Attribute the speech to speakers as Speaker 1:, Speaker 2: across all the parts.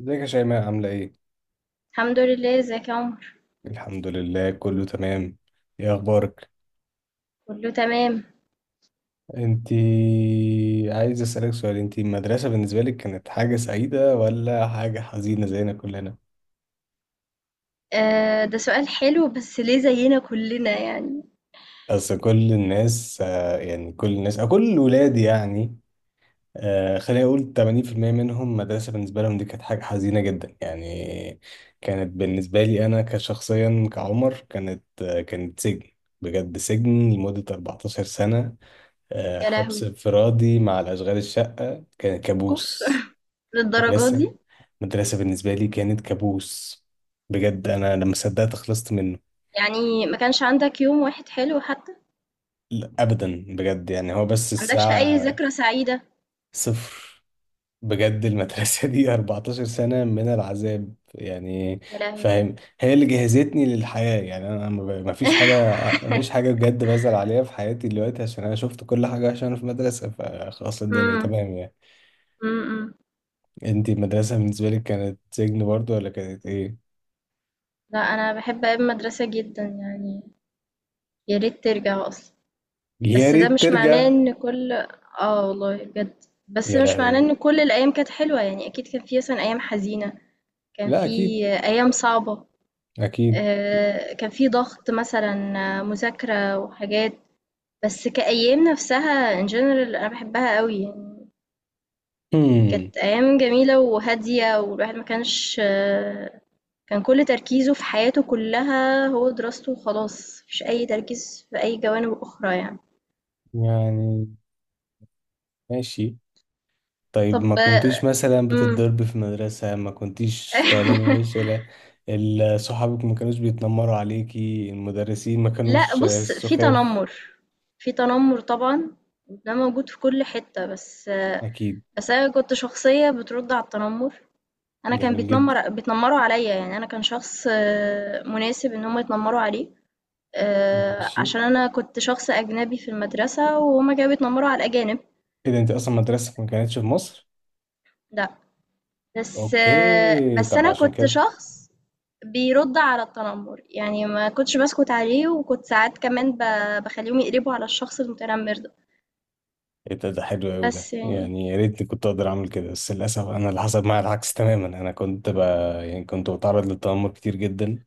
Speaker 1: ازيك يا شيماء عاملة ايه؟
Speaker 2: الحمد لله. ازيك يا عمر؟
Speaker 1: الحمد لله كله تمام. ايه اخبارك؟
Speaker 2: كله تمام.
Speaker 1: انتي عايز اسألك سؤال، انتي المدرسة بالنسبة لك كانت حاجة سعيدة ولا حاجة حزينة زينا كلنا؟
Speaker 2: آه، ده سؤال حلو، بس ليه زينا كلنا يعني؟
Speaker 1: اصل كل الناس يعني كل الناس او كل ولادي يعني. خليني اقول 80% منهم مدرسة بالنسبة لهم دي كانت حاجة حزينة جدا يعني. كانت بالنسبة لي انا كشخصيا كعمر كانت، كانت سجن، بجد سجن لمدة 14 سنة.
Speaker 2: يا
Speaker 1: حبس
Speaker 2: لهوي.
Speaker 1: انفرادي مع الأشغال الشقة، كان
Speaker 2: اوف.
Speaker 1: كابوس.
Speaker 2: للدرجة
Speaker 1: مدرسة
Speaker 2: دي؟
Speaker 1: مدرسة بالنسبة لي كانت كابوس بجد. أنا لما صدقت خلصت منه.
Speaker 2: يعني ما كانش عندك يوم واحد حلو حتى؟ ما
Speaker 1: لا، أبدا بجد، يعني هو بس
Speaker 2: عندكش اي
Speaker 1: الساعة
Speaker 2: ذكرى سعيدة؟
Speaker 1: صفر بجد. المدرسة دي 14 سنة من العذاب يعني،
Speaker 2: يا لهوي.
Speaker 1: فاهم؟ هي اللي جهزتني للحياة يعني. أنا ما فيش حاجة، ما فيش حاجة بجد بزعل عليها في حياتي دلوقتي، عشان أنا شفت كل حاجة، عشان أنا في مدرسة فخلاص الدنيا
Speaker 2: امم.
Speaker 1: تمام يعني.
Speaker 2: امم.
Speaker 1: انت المدرسة بالنسبة لك كانت سجن برضو ولا كانت ايه؟
Speaker 2: لا، انا بحب ايام المدرسة جدا يعني. يا ريت ترجع اصلا.
Speaker 1: يا
Speaker 2: بس ده
Speaker 1: ريت
Speaker 2: مش معناه
Speaker 1: ترجع.
Speaker 2: ان كل. اه والله بجد، بس
Speaker 1: يا
Speaker 2: مش معناه
Speaker 1: لهوي.
Speaker 2: ان كل الايام كانت حلوة يعني، اكيد كان في مثلا ايام حزينة. كان
Speaker 1: لا
Speaker 2: في
Speaker 1: اكيد.
Speaker 2: ايام صعبة.
Speaker 1: اكيد.
Speaker 2: كان في ضغط مثلا. مذاكرة وحاجات. بس كأيام نفسها in general أنا بحبها قوي يعني.
Speaker 1: هم.
Speaker 2: كانت أيام جميلة وهادية، والواحد ما كانش. كان كل تركيزه في حياته كلها هو دراسته، وخلاص مفيش أي تركيز في أي جوانب أخرى يعني.
Speaker 1: يعني ماشي. طيب ما
Speaker 2: طب.
Speaker 1: كنتيش مثلا
Speaker 2: مم.
Speaker 1: بتتضرب في المدرسة؟ ما كنتيش طالبة فاشلة؟ صحابك ما كانوش بيتنمروا عليكي؟ المدرسين ما
Speaker 2: لا،
Speaker 1: كانوش
Speaker 2: بص، في
Speaker 1: سخاف؟
Speaker 2: تنمر. في تنمر طبعا. ده موجود في كل حتة، بس.
Speaker 1: اكيد.
Speaker 2: بس أنا كنت شخصية بترد على التنمر. أنا كان
Speaker 1: جميل جدا.
Speaker 2: بيتنمروا عليّا، يعني أنا كان شخص مناسب إن هم يتنمروا عليه.
Speaker 1: ماشي.
Speaker 2: عشان أنا كنت شخص أجنبي في المدرسة، وهُم كانوا بيتنمروا على الأجانب.
Speaker 1: ايه ده، انت اصلا مدرستك ما كانتش في مصر؟
Speaker 2: لأ. بس آه،
Speaker 1: اوكي،
Speaker 2: بس
Speaker 1: طب ما
Speaker 2: أنا
Speaker 1: عشان
Speaker 2: كنت
Speaker 1: كده.
Speaker 2: شخص بيرُد على التنمر، يعني ما كنتش باسكت عليه، وكنت ساعات كمان باخلّيهم يقلبوا على الشخص المتنمر ده.
Speaker 1: ايه ده، ده حلو قوي ده
Speaker 2: بس يعني.
Speaker 1: يعني، يا ريتني كنت اقدر اعمل كده، بس للاسف انا اللي حصل معايا العكس تماما، انا كنت ب... يعني كنت بتعرض للتنمر كتير جدا،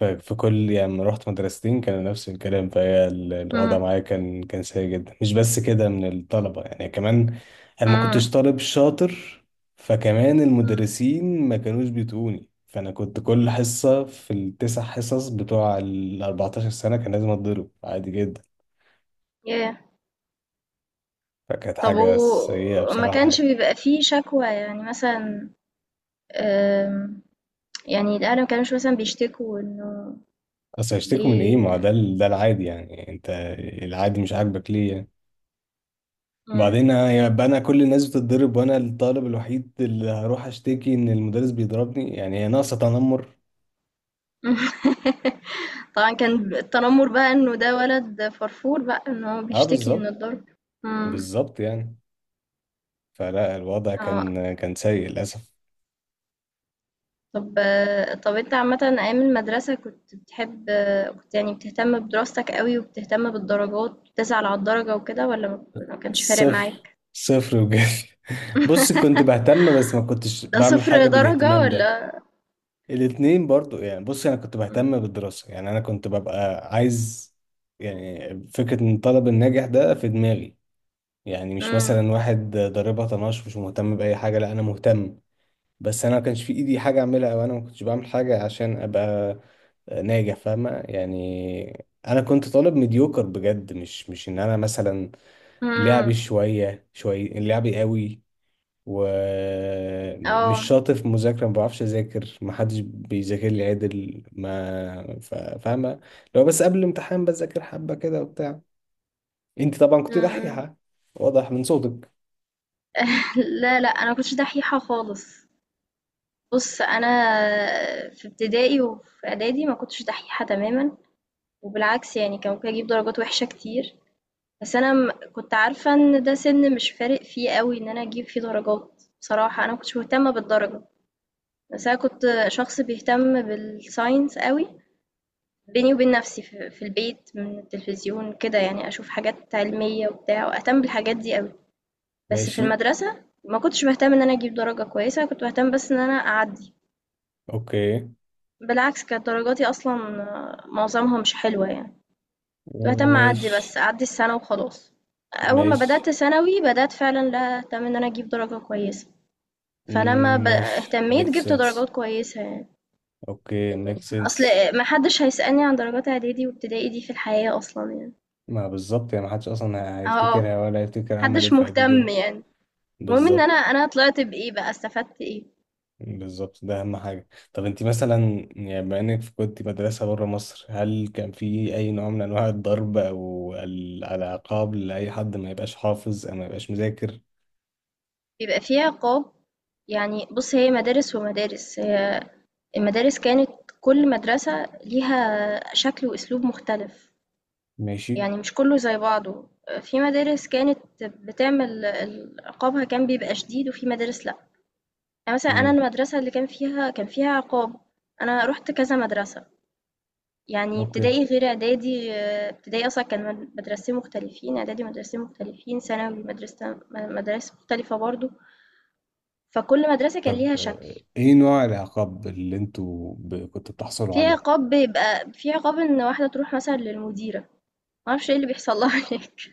Speaker 1: ففي كل يعني لما رحت مدرستين كان نفس الكلام، فهي الوضع
Speaker 2: إمم.
Speaker 1: معايا كان سيء جدا، مش بس كده من الطلبه يعني كمان. انا ما
Speaker 2: إمم.
Speaker 1: كنتش طالب شاطر، فكمان
Speaker 2: إمم.
Speaker 1: المدرسين ما كانوش بيتقوني، فانا كنت كل حصه في التسع حصص بتوع ال 14 سنه كان لازم اتضرب عادي جدا.
Speaker 2: ياه!
Speaker 1: فكانت
Speaker 2: طب.
Speaker 1: حاجه سيئه
Speaker 2: ما
Speaker 1: بصراحه
Speaker 2: كانش
Speaker 1: يعني.
Speaker 2: بيبقى في شكوى يعني، مثلًا. آمم. يعني الأهل ما كانوش مثلا بيشتكوا إنه
Speaker 1: اصل هيشتكوا من ايه؟ ما
Speaker 2: ليه.
Speaker 1: ده ده العادي يعني، انت العادي مش عاجبك ليه يعني؟
Speaker 2: مم.
Speaker 1: وبعدين يبقى انا كل الناس بتتضرب وانا الطالب الوحيد اللي هروح اشتكي ان المدرس بيضربني، يعني هي ناقصه تنمر.
Speaker 2: طبعا، كان التنمر بقى إنه ده ولد فرفور، بقى إن هو
Speaker 1: اه
Speaker 2: بيشتكي من
Speaker 1: بالظبط،
Speaker 2: الضرب. مم.
Speaker 1: بالظبط يعني. فلا الوضع
Speaker 2: اه.
Speaker 1: كان سيء للاسف.
Speaker 2: طب طب، انت عامة أيام المدرسة كنت بتحب؟ كنت يعني بتهتم بدراستك قوي، وبتهتم بالدرجات، بتسعى على الدرجة وكده، ولا ما كانش فارق
Speaker 1: صفر،
Speaker 2: معاك؟
Speaker 1: صفر بجد. بص كنت بهتم، بس ما كنتش
Speaker 2: ده
Speaker 1: بعمل
Speaker 2: صفر
Speaker 1: حاجه
Speaker 2: درجة
Speaker 1: بالاهتمام ده.
Speaker 2: ولا؟
Speaker 1: الاتنين برضو يعني. بص انا كنت بهتم بالدراسة، يعني انا كنت ببقى عايز يعني فكرة ان الطالب الناجح ده في دماغي، يعني مش
Speaker 2: امم.
Speaker 1: مثلا واحد ضاربها طناش مش مهتم بأي حاجة، لا انا مهتم، بس انا ما كانش في ايدي حاجة اعملها، وانا ما كنتش بعمل حاجة عشان ابقى ناجح، فاهمة يعني. انا كنت طالب مديوكر بجد، مش ان انا مثلا لعبي
Speaker 2: امم.
Speaker 1: شوية شوية، لعبي قوي
Speaker 2: اه.
Speaker 1: ومش شاطر في المذاكرة، ما بعرفش أذاكر، ما حدش بيذاكر لي عدل، ما ف- فاهمة. لو بس قبل الامتحان بذاكر حبة كده وبتاع. أنت طبعا كنت
Speaker 2: مم.
Speaker 1: دحيحة، واضح من صوتك.
Speaker 2: لا لا، انا كنتش دحيحة خالص. بُص، أنا في ابتدائي وفي إعدادي ما كنتش دحيحة تمامًا، وبالعكس يعني، كان ممكن أجيب درجات وِحشة كتير. بس أنا م كنت عارفة إن ده سِن مش فارق فيه أوي إن أنا أجيب فيه درجات. بصراحة، أنا ما كنتش مهتمة بالدرجة. بس أنا كنت شخص بيهتم بالscience أوي، بيني وبين نفسي، في البيت، من التلفزيون كده يعني، أشوف حاجات علمية وبتاع، وأهتم بالحاجات دي أوي. بس في
Speaker 1: ماشي.
Speaker 2: المدرسة ما كنتش باهتم إن أنا أجيب درجة كويسة، كنت باهتم بس إن أنا أعدّي.
Speaker 1: أوكي
Speaker 2: بالعكس، كانت درجاتي أصلا، معظمها مش حلوة يعني. كنت بهتم أعدي، بس
Speaker 1: ماشي.
Speaker 2: أعدي السنة وخلاص. أول ما
Speaker 1: ماشي.
Speaker 2: بدأت ثانوي، بدأت فعلا لا أهتم إن أنا أجيب درجة كويسة. فلما
Speaker 1: ماشي
Speaker 2: اهتميت،
Speaker 1: ميك
Speaker 2: جبت
Speaker 1: سنس.
Speaker 2: درجات كويسة يعني.
Speaker 1: أوكي ميك
Speaker 2: أصل
Speaker 1: سنس.
Speaker 2: محدش هيسألني عن درجات إعدادي وابتدائي دي في الحياة أصلا يعني.
Speaker 1: ما بالظبط يعني، ما حدش أصلا
Speaker 2: اه.
Speaker 1: هيفتكرها ولا هيفتكر عمل إيه
Speaker 2: محدش
Speaker 1: في
Speaker 2: مهتم
Speaker 1: إعدادي.
Speaker 2: يعني. المهم إن أنا
Speaker 1: بالظبط.
Speaker 2: أنا طلعت بإيه بقى، استفدت إيه.
Speaker 1: بالظبط ده اهم حاجه. طب انت مثلا يعني بما انك كنت مدرسه بره مصر، هل كان في اي نوع من انواع الضرب او العقاب لاي حد ما يبقاش حافظ او ما يبقاش مذاكر؟
Speaker 2: بيبقى فيها قاب. يعني بُص، هي مدارس ومدارس. هي المدارس كانت، كل مدرسة ليها شكل وأسلوب مختلف.
Speaker 1: ماشي.
Speaker 2: يعني مش كله زي بعضه. في مدارس كانت بتعمل عقابها كان بيبقى شديد، وفي مدارس لأ. يعني مثلًا، أنا
Speaker 1: امم.
Speaker 2: المدرسة اللي كان فيها عقاب. أنا رُحت كذا مدرسة، يعني
Speaker 1: اوكي
Speaker 2: ابتدائي غير إعدادي. ابتدائي أصلًا كان مدرستين مختلفين، إعدادي مدرستين مختلفين، ثانوي مدرسة م مدارس مختلفة برضه. فكل مدرسة كان
Speaker 1: طب،
Speaker 2: ليها شكل.
Speaker 1: ايه نوع العقاب اللي انتوا كنتوا بتحصلوا
Speaker 2: في
Speaker 1: عليه؟
Speaker 2: عقاب، بيبقى في عقاب إن واحدة تروح مثلًا للمديرة. ما أعرفش إيه اللي بيحصل لها هناك.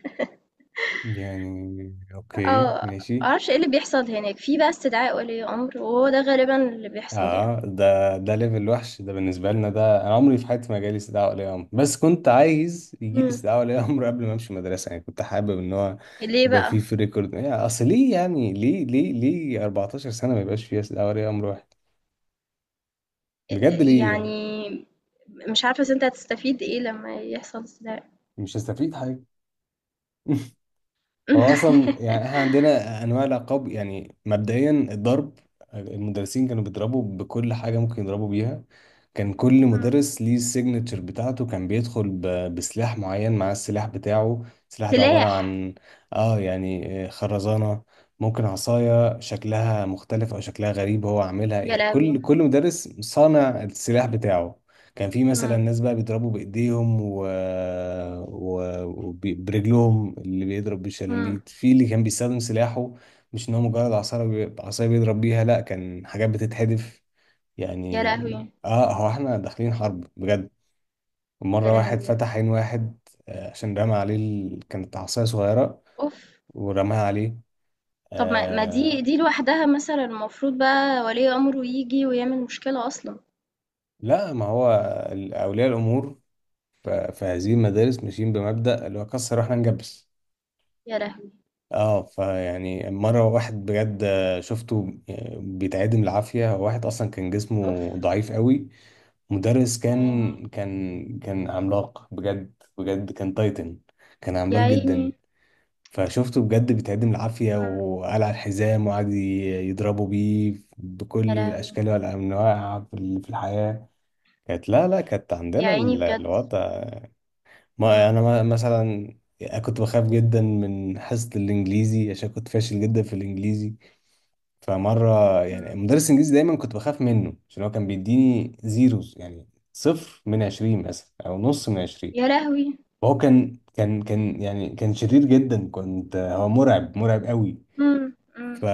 Speaker 1: يعني اوكي
Speaker 2: آه،
Speaker 1: ماشي.
Speaker 2: ما أعرفش إيه اللي بيحصل هناك، في بقى استدعاء ولي أمر، وهو ده غالبًا اللي بيحصل يعني.
Speaker 1: اه ده ده ليفل وحش ده بالنسبه لنا، ده انا عمري في حياتي ما جالي استدعاء ولي امر، بس كنت عايز يجي لي
Speaker 2: إمم.
Speaker 1: استدعاء ولي امر قبل ما امشي مدرسه، يعني كنت حابب ان هو
Speaker 2: ليه
Speaker 1: يبقى فيه
Speaker 2: بقى؟
Speaker 1: في ريكورد يعني. اصل ليه يعني، ليه 14 سنه ما يبقاش فيها استدعاء ولي امر واحد؟ بجد ليه يعني؟
Speaker 2: يعني، مش عارفة أصل أنت هتستفيد إيه لمّا يحصل استدعاء.
Speaker 1: مش هستفيد حاجه. هو اصلا يعني احنا عندنا انواع العقاب، يعني مبدئيا الضرب، المدرسين كانوا بيضربوا بكل حاجه ممكن يضربوا بيها. كان كل
Speaker 2: إمم.
Speaker 1: مدرس ليه السيجنتشر بتاعته، كان بيدخل بسلاح معين، مع السلاح بتاعه، السلاح ده عباره
Speaker 2: سلاح!
Speaker 1: عن، اه يعني خرزانه، ممكن عصايه شكلها مختلف او شكلها غريب هو عاملها،
Speaker 2: يا
Speaker 1: يعني كل
Speaker 2: لهوي!
Speaker 1: كل مدرس صانع السلاح بتاعه. كان في مثلا
Speaker 2: إمم.
Speaker 1: ناس بقى بيضربوا بايديهم وبرجلهم، اللي بيضرب
Speaker 2: إمم.
Speaker 1: بالشلاليت، في اللي كان بيستخدم سلاحه، مش ان هو مجرد عصاية بيضرب بيها، لا كان حاجات بتتحدف
Speaker 2: يا
Speaker 1: يعني.
Speaker 2: لهوي!
Speaker 1: اه هو احنا داخلين حرب بجد.
Speaker 2: يا
Speaker 1: مرة
Speaker 2: لهوي
Speaker 1: واحد
Speaker 2: بجد.
Speaker 1: فتح عين واحد، عشان رمى عليه ال... كانت عصاية صغيرة
Speaker 2: أوف!
Speaker 1: ورماها عليه.
Speaker 2: طب، ما دي
Speaker 1: آه...
Speaker 2: دي لوحدها مثلًا، المفروض بقى ولي أمره ييجي ويعمل مشكلة أصلًا.
Speaker 1: لا ما هو أولياء الأمور ف... في هذه المدارس ماشيين بمبدأ اللي هو كسر واحنا نجبس.
Speaker 2: يا لهوي!
Speaker 1: اه فيعني مرة واحد بجد شفته بيتعدم العافية، هو واحد أصلا كان جسمه
Speaker 2: أوف!
Speaker 1: ضعيف قوي، مدرس
Speaker 2: يا عيني.
Speaker 1: كان عملاق بجد، بجد كان تايتن، كان
Speaker 2: يا
Speaker 1: عملاق جدا.
Speaker 2: عيني.
Speaker 1: فشفته بجد بيتعدم العافية،
Speaker 2: إمم.
Speaker 1: وقلع الحزام وقعد يضربه بيه
Speaker 2: يا
Speaker 1: بكل
Speaker 2: لهوي.
Speaker 1: الأشكال والأنواع في في الحياة. كانت، لا كانت
Speaker 2: يا
Speaker 1: عندنا
Speaker 2: عيني بجد.
Speaker 1: الوضع. ما
Speaker 2: إمم.
Speaker 1: أنا مثلا كنت بخاف جدا من حصة الإنجليزي، عشان كنت فاشل جدا في الإنجليزي. فمرة يعني
Speaker 2: إمم.
Speaker 1: مدرس الإنجليزي دايما كنت بخاف منه، عشان هو كان بيديني زيروز يعني، صفر من 20 مثلا أو نص من 20.
Speaker 2: يا لهوي!
Speaker 1: فهو كان يعني كان شرير جدا، كنت هو مرعب، مرعب قوي.
Speaker 2: إمم. إمم.
Speaker 1: ف...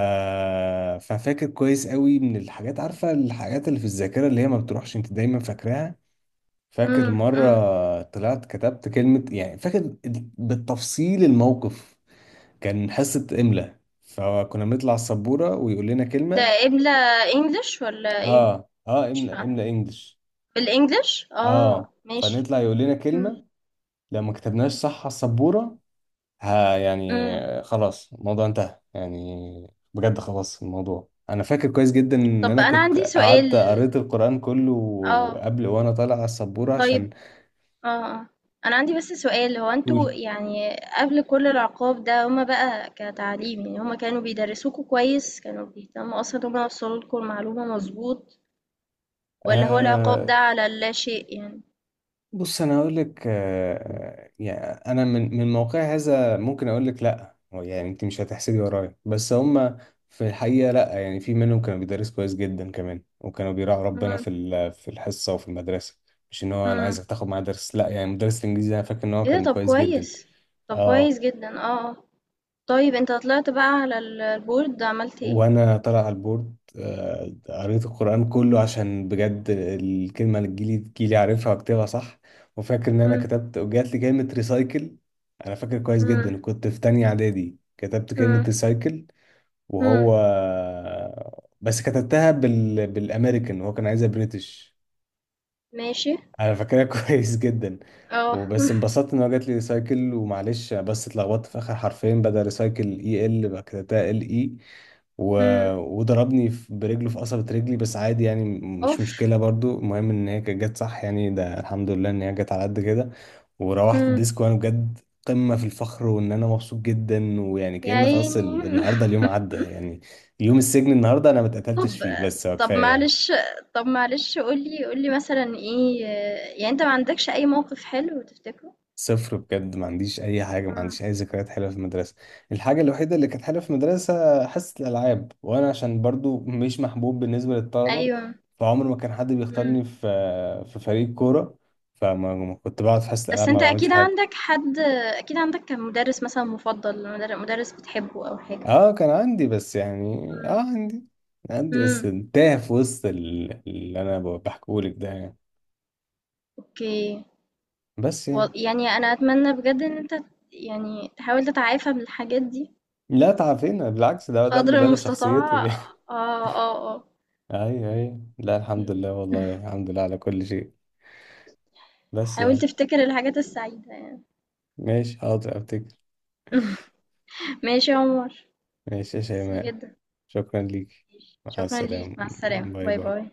Speaker 1: ففاكر كويس قوي، من الحاجات، عارفة الحاجات اللي في الذاكرة اللي هي ما بتروحش، أنت دايما فاكراها. فاكر
Speaker 2: إمم. إمم.
Speaker 1: مرة طلعت كتبت كلمة، يعني فاكر بالتفصيل الموقف. كان حصة إملاء، فكنا بنطلع السبورة ويقول لنا
Speaker 2: ده
Speaker 1: كلمة.
Speaker 2: قبلة English والّا إيه؟
Speaker 1: اه
Speaker 2: مش
Speaker 1: املا،
Speaker 2: فاهمة.
Speaker 1: املا انجلش.
Speaker 2: بالEnglish؟
Speaker 1: اه،
Speaker 2: آه، ماشي.
Speaker 1: فنطلع يقول لنا
Speaker 2: إمم.
Speaker 1: كلمة، لو ما كتبناش صح على السبورة، ها يعني
Speaker 2: إمم.
Speaker 1: خلاص الموضوع انتهى يعني، بجد خلاص الموضوع. انا فاكر كويس جدا ان
Speaker 2: طب
Speaker 1: انا
Speaker 2: أنا
Speaker 1: كنت
Speaker 2: عندي سؤال.
Speaker 1: قعدت قريت القرآن كله
Speaker 2: آه،
Speaker 1: قبل وانا طالع على السبورة،
Speaker 2: طيب،
Speaker 1: عشان
Speaker 2: آه، آه، أنا عندي بس سؤال. هو أنتم
Speaker 1: اقول.
Speaker 2: يعني قبل كل العقاب ده، هُم بقى كتعليم يعني، هُم كانوا بيدرسوكوا كويس؟ كانوا بيهتموا أصلًا إن هُم يوصلوا لكم المعلومة مضبوط؟ والّا هو العقاب ده على اللاشيء يعني؟
Speaker 1: بص انا اقول لك، يعني انا من موقع هذا ممكن اقول لك، لا هو يعني انت مش هتحسدي ورايا، بس هم في الحقيقه لا، يعني في منهم كانوا بيدرسوا كويس جدا كمان، وكانوا بيراعوا ربنا
Speaker 2: إمم.
Speaker 1: في في الحصه وفي المدرسه، مش ان هو انا
Speaker 2: إمم.
Speaker 1: عايزك تاخد معايا درس، لا يعني مدرس الانجليزي انا فاكر ان هو
Speaker 2: إيه ده!
Speaker 1: كان
Speaker 2: طب
Speaker 1: كويس جدا.
Speaker 2: كويس. طب
Speaker 1: اه،
Speaker 2: كويس جدًا. طيب أنت طلعت بقى على ال الboard، عملت إيه؟
Speaker 1: وانا طالع على البورد، قريت القرآن كله عشان بجد الكلمة اللي تجيلي، تجيلي عارفها واكتبها صح. وفاكر ان انا
Speaker 2: إمم.
Speaker 1: كتبت وجات لي كلمة ريسايكل. انا فاكر كويس
Speaker 2: إمم.
Speaker 1: جدا كنت في تانية اعدادي كتبت كلمة
Speaker 2: إمم.
Speaker 1: ريسايكل،
Speaker 2: إمم.
Speaker 1: وهو، بس كتبتها بال... بالامريكان، هو كان عايزها بريتش،
Speaker 2: ماشي.
Speaker 1: انا فاكرها كويس جدا.
Speaker 2: آه،
Speaker 1: وبس انبسطت ان هو جات لي ريسايكل، ومعلش بس اتلخبطت في اخر حرفين، بدل ريسايكل اي ال بقى كتبتها ال اي. و...
Speaker 2: إمم.
Speaker 1: وضربني برجله في قصبة رجلي، بس عادي يعني، مش
Speaker 2: أوف!
Speaker 1: مشكلة برضو، المهم ان هي كانت جت صح يعني، ده الحمد لله ان هي جت على قد كده. وروحت
Speaker 2: إمم.
Speaker 1: الديسك وانا بجد قمة في الفخر، وان انا مبسوط جدا، ويعني
Speaker 2: يا
Speaker 1: كأن خلاص ال...
Speaker 2: عيني.
Speaker 1: النهارده اليوم عدى يعني، يوم السجن، النهارده انا ما اتقتلتش
Speaker 2: طب
Speaker 1: فيه، بس هو
Speaker 2: طب
Speaker 1: كفاية يعني.
Speaker 2: معلش طب معلش، قُل لي مثلًا إيه، يعني أنت ما عندكش أي موقف حلو تفتكره؟
Speaker 1: صفر بجد، ما عنديش اي حاجه، ما
Speaker 2: إمم.
Speaker 1: عنديش اي ذكريات حلوه في المدرسه. الحاجه الوحيده اللي كانت حلوه في المدرسه حصه الالعاب، وانا عشان برضو مش محبوب بالنسبه للطلبه،
Speaker 2: أيوه.
Speaker 1: فعمر ما كان حد
Speaker 2: إمم.
Speaker 1: بيختارني في في فريق كوره، فما ما كنت بقعد في حصه
Speaker 2: بس
Speaker 1: الالعاب ما
Speaker 2: أنت
Speaker 1: بعملش
Speaker 2: أكيد
Speaker 1: حاجه.
Speaker 2: عندك حد. أكيد عندك كان مدرس مثلًا مفضل، مدرس بتحبه أو حاجة.
Speaker 1: اه كان عندي، بس يعني اه
Speaker 2: إمم.
Speaker 1: عندي، عندي بس
Speaker 2: إمم.
Speaker 1: انتهى في وسط اللي انا بحكيهولك ده يعني.
Speaker 2: أوكي.
Speaker 1: بس
Speaker 2: و
Speaker 1: يعني،
Speaker 2: يعني أنا أتمنى بجد إن أنت يعني تحاول تتعافى من الحاجات دي
Speaker 1: لا تعافينا بالعكس، ده ده
Speaker 2: قدر
Speaker 1: اللي بنى
Speaker 2: المستطاع.
Speaker 1: شخصيتي.
Speaker 2: آه. آه. آه.
Speaker 1: ايوه ايوه، لا الحمد
Speaker 2: إمم.
Speaker 1: لله، والله الحمد لله على كل شيء، بس
Speaker 2: حاول
Speaker 1: يعني.
Speaker 2: تفتكر الحاجات السعيدة يعني.
Speaker 1: ماشي حاضر افتكر.
Speaker 2: ماشي يا عمر.
Speaker 1: ماشي يا
Speaker 2: ميرسي
Speaker 1: شيماء،
Speaker 2: جدًا.
Speaker 1: شكرا ليك، مع
Speaker 2: شكرًا ليك.
Speaker 1: السلامة،
Speaker 2: مع السلامة.
Speaker 1: باي
Speaker 2: باي،
Speaker 1: باي.
Speaker 2: باي.